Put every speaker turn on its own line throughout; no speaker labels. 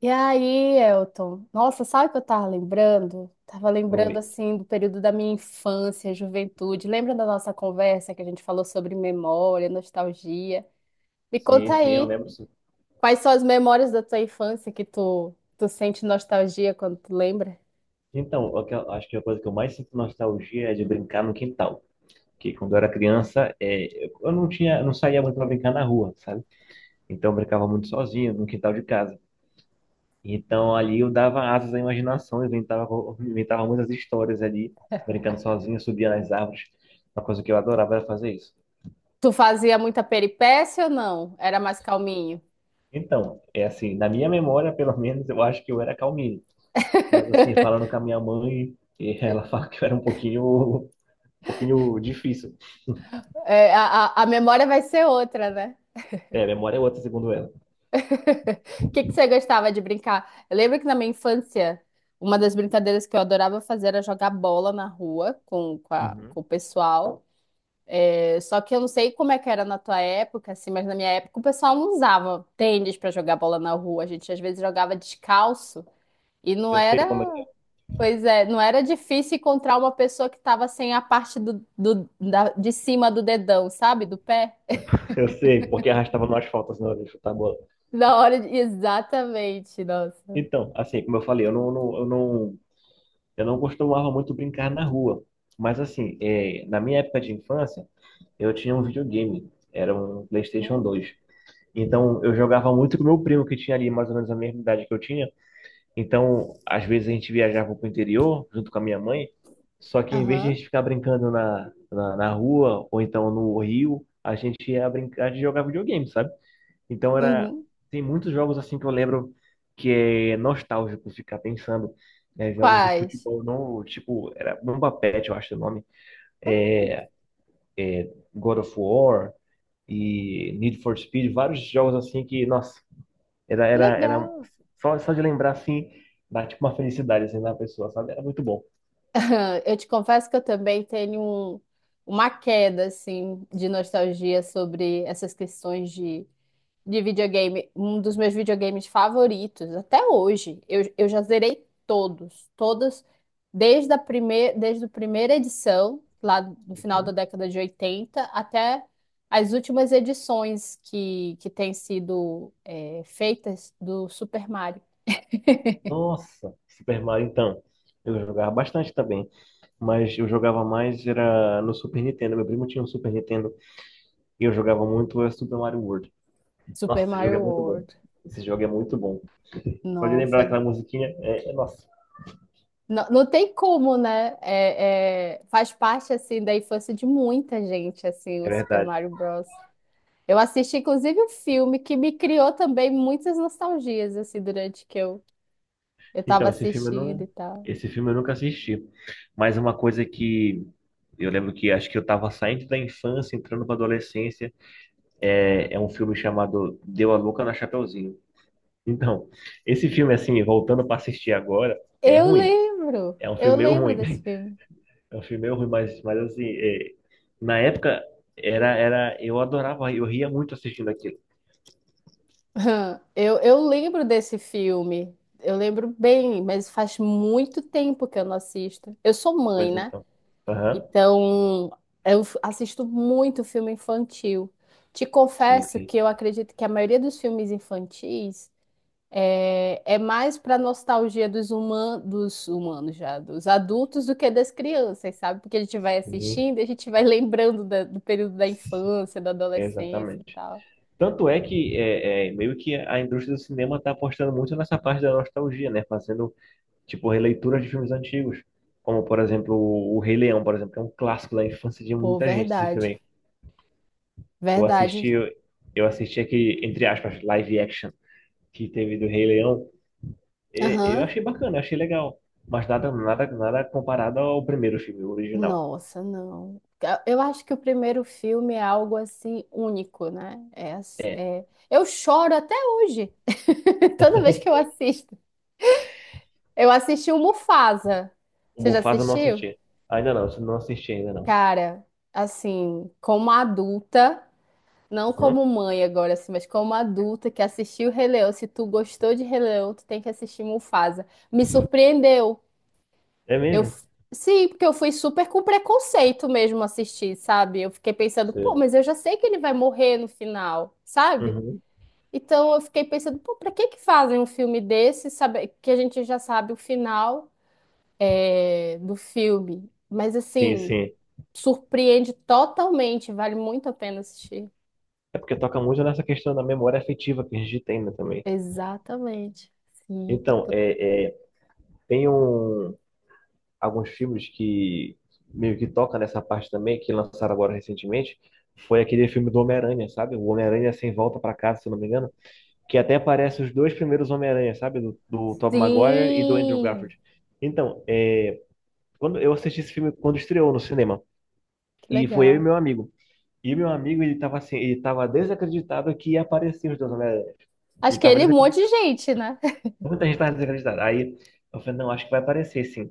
E aí, Elton? Nossa, sabe o que eu tava lembrando? Tava
Foi.
lembrando assim do período da minha infância, juventude. Lembra da nossa conversa que a gente falou sobre memória, nostalgia? Me
Sim,
conta
sim, eu
aí,
lembro sim.
quais são as memórias da tua infância que tu sente nostalgia quando tu lembra?
Então, acho que a coisa que eu mais sinto nostalgia é de brincar no quintal. Porque quando eu era criança, eu não tinha, eu não saía muito para brincar na rua, sabe? Então eu brincava muito sozinho no quintal de casa. Então ali eu dava asas à imaginação, eu inventava muitas histórias ali, brincando sozinho, subia nas árvores. Uma coisa que eu adorava era fazer isso.
Tu fazia muita peripécia ou não? Era mais calminho?
Então, é assim, na minha memória, pelo menos, eu acho que eu era calminho. Mas assim, falando com a minha mãe, ela fala que eu era um pouquinho difícil.
É, a memória vai ser outra, né?
É, a memória é outra, segundo ela.
O que que você gostava de brincar? Eu lembro que na minha infância, uma das brincadeiras que eu adorava fazer era jogar bola na rua
Uhum.
com o pessoal. É, só que eu não sei como é que era na tua época, assim, mas na minha época o pessoal não usava tênis para jogar bola na rua. A gente às vezes jogava descalço e não
Eu sei
era,
como é que é.
pois é, não era difícil encontrar uma pessoa que estava sem a parte de cima do dedão, sabe? Do pé.
Eu sei, porque arrastava no asfalto, senão eu de chutar a bola.
Na hora de... Exatamente, nossa.
Então, assim, como eu falei, eu não, não- eu não, eu não costumava muito brincar na rua. Mas, assim, na minha época de infância, eu tinha um videogame. Era um PlayStation 2.
Hum.
Então, eu jogava muito com meu primo, que tinha ali mais ou menos a mesma idade que eu tinha. Então, às vezes a gente viajava para o interior junto com a minha mãe, só que em vez de a
Aham.
gente ficar brincando na rua ou então no rio, a gente ia brincar de jogar videogame, sabe? Então era
Uhum.
tem muitos jogos assim que eu lembro que é nostálgico ficar pensando, né? Jogos de
Quais?
futebol não, tipo, era Bomba Patch, eu acho o nome, é,
Hum,
God of War e Need for Speed, vários jogos assim que, nossa, era, era, era
legal.
só, só de lembrar assim, dá tipo uma felicidade assim na pessoa, sabe? Era muito bom.
Eu te confesso que eu também tenho uma queda, assim, de nostalgia sobre essas questões de videogame. Um dos meus videogames favoritos, até hoje, eu já zerei todos, desde a primeira edição, lá no final da década de 80 até as últimas edições que têm sido, feitas do Super Mario.
Nossa, Super Mario então. Eu jogava bastante também, mas eu jogava mais era no Super Nintendo. Meu primo tinha um Super Nintendo e eu jogava muito Super Mario World.
Super
Nossa, esse jogo
Mario
é muito bom.
World.
Esse jogo é muito bom. Só de lembrar
Nossa,
aquela musiquinha, nossa,
não, não tem como, né? É, é, faz parte assim da infância de muita gente, assim,
é
o Super
verdade.
Mario Bros. Eu assisti inclusive um filme que me criou também muitas nostalgias assim durante que eu estava
Então,
assistindo e tal.
esse filme eu nunca assisti. Mas uma coisa que eu lembro que acho que eu estava saindo da infância, entrando para adolescência, é um filme chamado Deu a Louca na Chapeuzinho. Então, esse filme, assim, voltando para assistir agora, é ruim. É um
Eu
filme meio
lembro
ruim.
desse filme.
É um filme meio ruim, mas assim, na época, eu adorava, eu ria muito assistindo aquilo.
Hum. Eu lembro desse filme. Eu lembro bem, mas faz muito tempo que eu não assisto. Eu sou mãe,
Pois
né?
então. Aham.
Então, assisto muito filme infantil. Te
Sim,
confesso
sim.
que eu acredito que a maioria dos filmes infantis é, é mais para nostalgia dos, dos humanos já, dos adultos do que das crianças, sabe? Porque a gente vai
Sim,
assistindo e a gente vai lembrando do período da infância, da adolescência e
exatamente.
tal.
Tanto é que é, meio que a indústria do cinema está apostando muito nessa parte da nostalgia, né? Fazendo tipo releituras de filmes antigos, como por exemplo o Rei Leão, por exemplo, que é um clássico da infância de
Pô,
muita gente esse filme.
verdade.
aí. Eu assisti,
Verdade.
eu assisti aquele entre aspas live action que teve do Rei Leão, e eu
Aham.
achei bacana, eu achei legal, mas nada nada nada comparado ao primeiro filme o original.
Nossa, não. Eu acho que o primeiro filme é algo assim único, né?
É,
Eu choro até hoje, toda vez que eu assisto. Eu assisti o Mufasa.
o
Você já
Mufasa eu não
assistiu?
assisti. Ainda não, eu não assisti ainda não.
Cara, assim, como adulta, não
Uhum.
como mãe agora, assim, mas como adulta que assistiu Rei Leão, se tu gostou de Rei Leão, tu tem que assistir Mufasa. Me surpreendeu.
É
Eu,
mesmo?
f- sim, porque eu fui super com preconceito mesmo assistir, sabe? Eu fiquei pensando, pô,
Sim.
mas eu já sei que ele vai morrer no final, sabe?
Uhum.
Então eu fiquei pensando, pô, pra que que fazem um filme desse, sabe? Que a gente já sabe o final é, do filme. Mas
Sim,
assim,
sim.
surpreende totalmente, vale muito a pena assistir.
É porque toca muito nessa questão da memória afetiva que a gente tem, né, também.
Exatamente. Sim.
Então, tem alguns filmes que meio que toca nessa parte também, que lançaram agora recentemente, foi aquele filme do Homem-Aranha, sabe? O Homem-Aranha Sem Volta pra Casa, se eu não me engano, que até aparece os dois primeiros Homem-Aranha, sabe? Do Tobey Maguire e do Andrew
Sim.
Garfield. Então, quando eu assisti esse filme quando estreou no cinema,
Que
e foi eu e
legal.
meu amigo. E meu amigo, ele tava assim, ele tava desacreditado que ia aparecer os dois Homem-Aranha.
Acho
Ele
que
tava
ele e um monte de
desacreditado.
gente, né?
Muita gente tava desacreditada. Aí eu falei, não, acho que vai aparecer sim.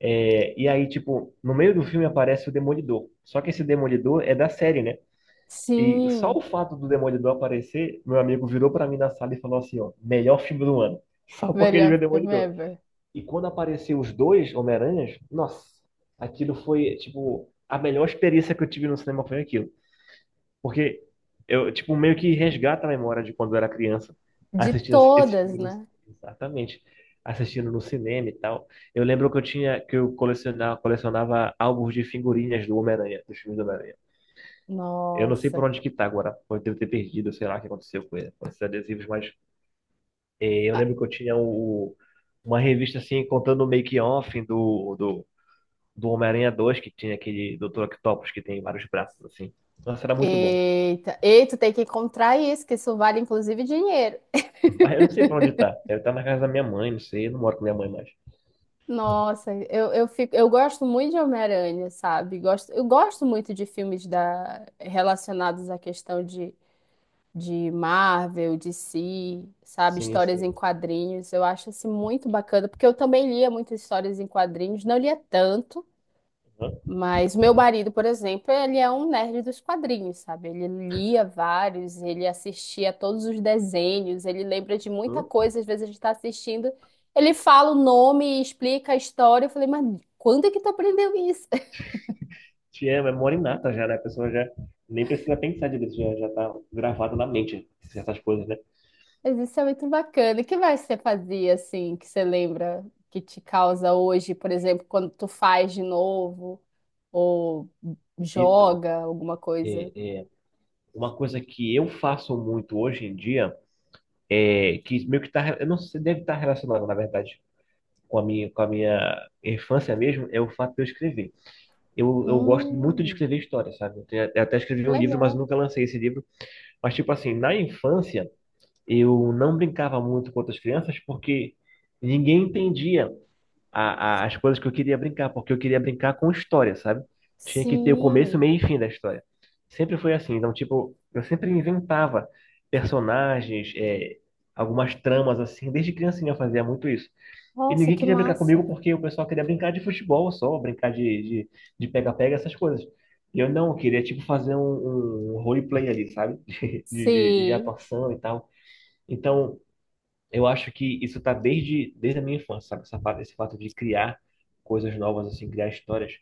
É, e aí, tipo, no meio do filme aparece o Demolidor. Só que esse Demolidor é da série, né? E só
Sim,
o fato do Demolidor aparecer, meu amigo virou pra mim na sala e falou assim, ó, melhor filme do ano. Só porque ele viu
melhor
o
filme
Demolidor.
ever.
E quando apareceu os dois Homem-Aranhas, nossa, aquilo foi, tipo, a melhor experiência que eu tive no cinema foi aquilo. Porque eu, tipo, meio que resgata a memória de quando eu era criança,
De
assistindo esses
todas,
filmes.
né?
Exatamente. Assistindo no cinema e tal. Eu lembro que eu tinha, que eu colecionava álbuns de figurinhas do Homem-Aranha, dos filmes do Homem-Aranha. Eu não sei por
Nossa.
onde que tá agora. Pode ter perdido, sei lá o que aconteceu com ele, com esses adesivos, mas eu
Ah,
lembro que eu tinha uma revista assim, contando o make-off do Homem-Aranha 2 que tinha aquele Dr. Octopus que tem vários braços assim. Nossa, era muito bom.
eita. Ei, tu tem que encontrar isso, que isso vale inclusive dinheiro.
Mas eu não sei pra onde tá. Deve estar na casa da minha mãe, não sei. Eu não moro com minha mãe mais.
Nossa, eu fico, eu gosto muito de Homem-Aranha, sabe? Gosto, eu gosto muito de filmes da, relacionados à questão de Marvel, DC, sabe?
Sim,
Histórias em
sim.
quadrinhos. Eu acho assim, muito bacana, porque eu também lia muitas histórias em quadrinhos, não lia tanto.
Aham,
Mas meu marido, por exemplo, ele é um nerd dos quadrinhos, sabe? Ele lia vários, ele assistia a todos os desenhos, ele lembra de muita
uhum.
coisa, às vezes a gente está assistindo, ele fala o nome, explica a história. Eu falei, mas quando é que tu aprendeu isso?
Te amo, é mora inata já, né? A pessoa já nem precisa pensar direito, já tá gravado na mente essas coisas, né?
Mas isso é muito bacana. O que mais você fazia assim, que você lembra que te causa hoje, por exemplo, quando tu faz de novo ou
Então,
joga alguma
é,
coisa?
uma coisa que eu faço muito hoje em dia é que meio que tá, eu não sei, deve estar relacionado, na verdade, com a minha infância mesmo, é o fato de eu escrever. Eu gosto muito de
Hum,
escrever histórias, sabe? Eu até escrevi um livro, mas
legal.
nunca lancei esse livro. Mas, tipo assim, na infância. Eu não brincava muito com outras crianças porque ninguém entendia as coisas que eu queria brincar, porque eu queria brincar com história, sabe? Tinha que ter o começo,
Sim.
meio e fim da história. Sempre foi assim. Então, tipo, eu sempre inventava personagens, algumas tramas assim. Desde criancinha eu fazia muito isso. E
Nossa,
ninguém
que
queria brincar comigo
massa.
porque o pessoal queria brincar de futebol só, brincar de de pega-pega, essas coisas. E eu não, eu queria, tipo, fazer um, roleplay ali, sabe? De
Sim.
atuação e tal. Então, eu acho que isso está desde a minha infância, sabe? Esse fato de criar coisas novas, assim, criar histórias.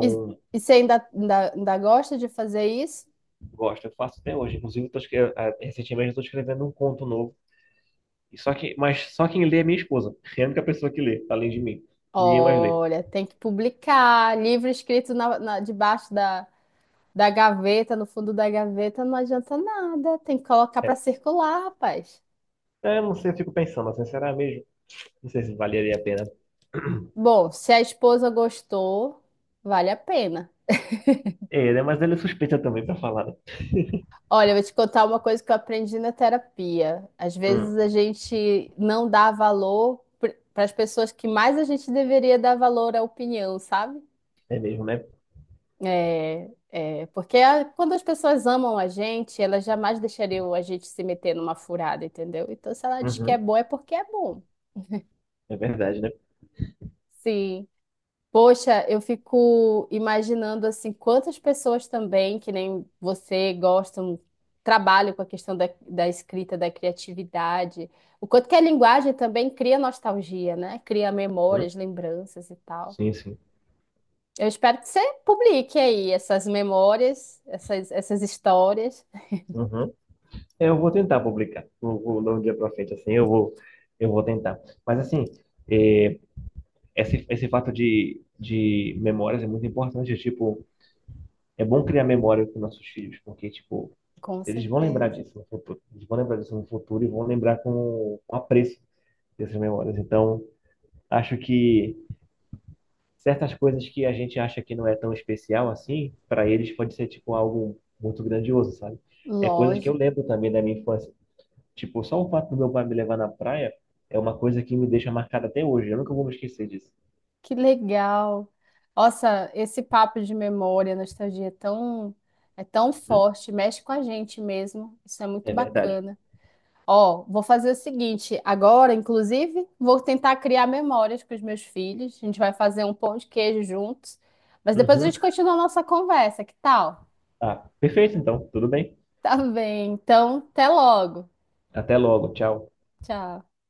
E, e você ainda gosta de fazer isso?
gosto, eu faço até hoje. Inclusive, eu tô, escre- ah, recentemente eu estou escrevendo um conto novo. E só que, mas só quem lê é minha esposa. É a única pessoa que lê, além de mim. Ninguém mais lê.
Olha, tem que publicar. Livro escrito debaixo da, da gaveta, no fundo da gaveta, não adianta nada. Tem que colocar para
É.
circular, rapaz.
Eu não sei, eu fico pensando, assim, será mesmo? Não sei se valeria a pena.
Bom, se a esposa gostou, vale a pena.
É, né? Mas ele é suspeita também pra falar, né?
Olha, eu vou te contar uma coisa que eu aprendi na terapia. Às
Hum,
vezes a gente não dá valor para as pessoas que mais a gente deveria dar valor à opinião, sabe?
é mesmo, né?
Porque quando as pessoas amam a gente, elas jamais deixariam a gente se meter numa furada, entendeu? Então, se ela diz que é
Uhum,
bom, é porque é bom.
é verdade, né?
Sim. Poxa, eu fico imaginando assim, quantas pessoas também, que nem você, gostam, trabalham com a questão da, da escrita, da criatividade. O quanto que a linguagem também cria nostalgia, né? Cria
Uhum,
memórias, lembranças e tal.
sim, sim.
Eu espero que você publique aí essas memórias, essas, essas histórias.
Uhum. É, eu vou tentar publicar. Não vou dar um dia para frente assim, eu vou tentar. Mas assim, é, esse fato de memórias é muito importante. Tipo, é bom criar memória com nossos filhos, porque tipo,
Com
eles vão lembrar
certeza.
disso no futuro. Eles vão lembrar disso no futuro e vão lembrar com apreço dessas memórias. Então, acho que certas coisas que a gente acha que não é tão especial assim, para eles pode ser tipo algo muito grandioso, sabe? É coisas que eu
Lógico.
lembro também da minha infância. Tipo, só o fato do meu pai me levar na praia é uma coisa que me deixa marcada até hoje. Eu nunca vou me esquecer disso.
Que legal. Nossa, esse papo de memória, nostalgia é tão
Uhum.
forte, mexe com a gente mesmo. Isso é muito
É verdade.
bacana. Ó, vou fazer o seguinte, agora, inclusive, vou tentar criar memórias com os meus filhos. A gente vai fazer um pão de queijo juntos, mas depois a
Uhum.
gente continua a nossa conversa, que tal?
Ah, perfeito então. Tudo bem.
Tá bem, então, até logo.
Até logo. Tchau.
Tchau.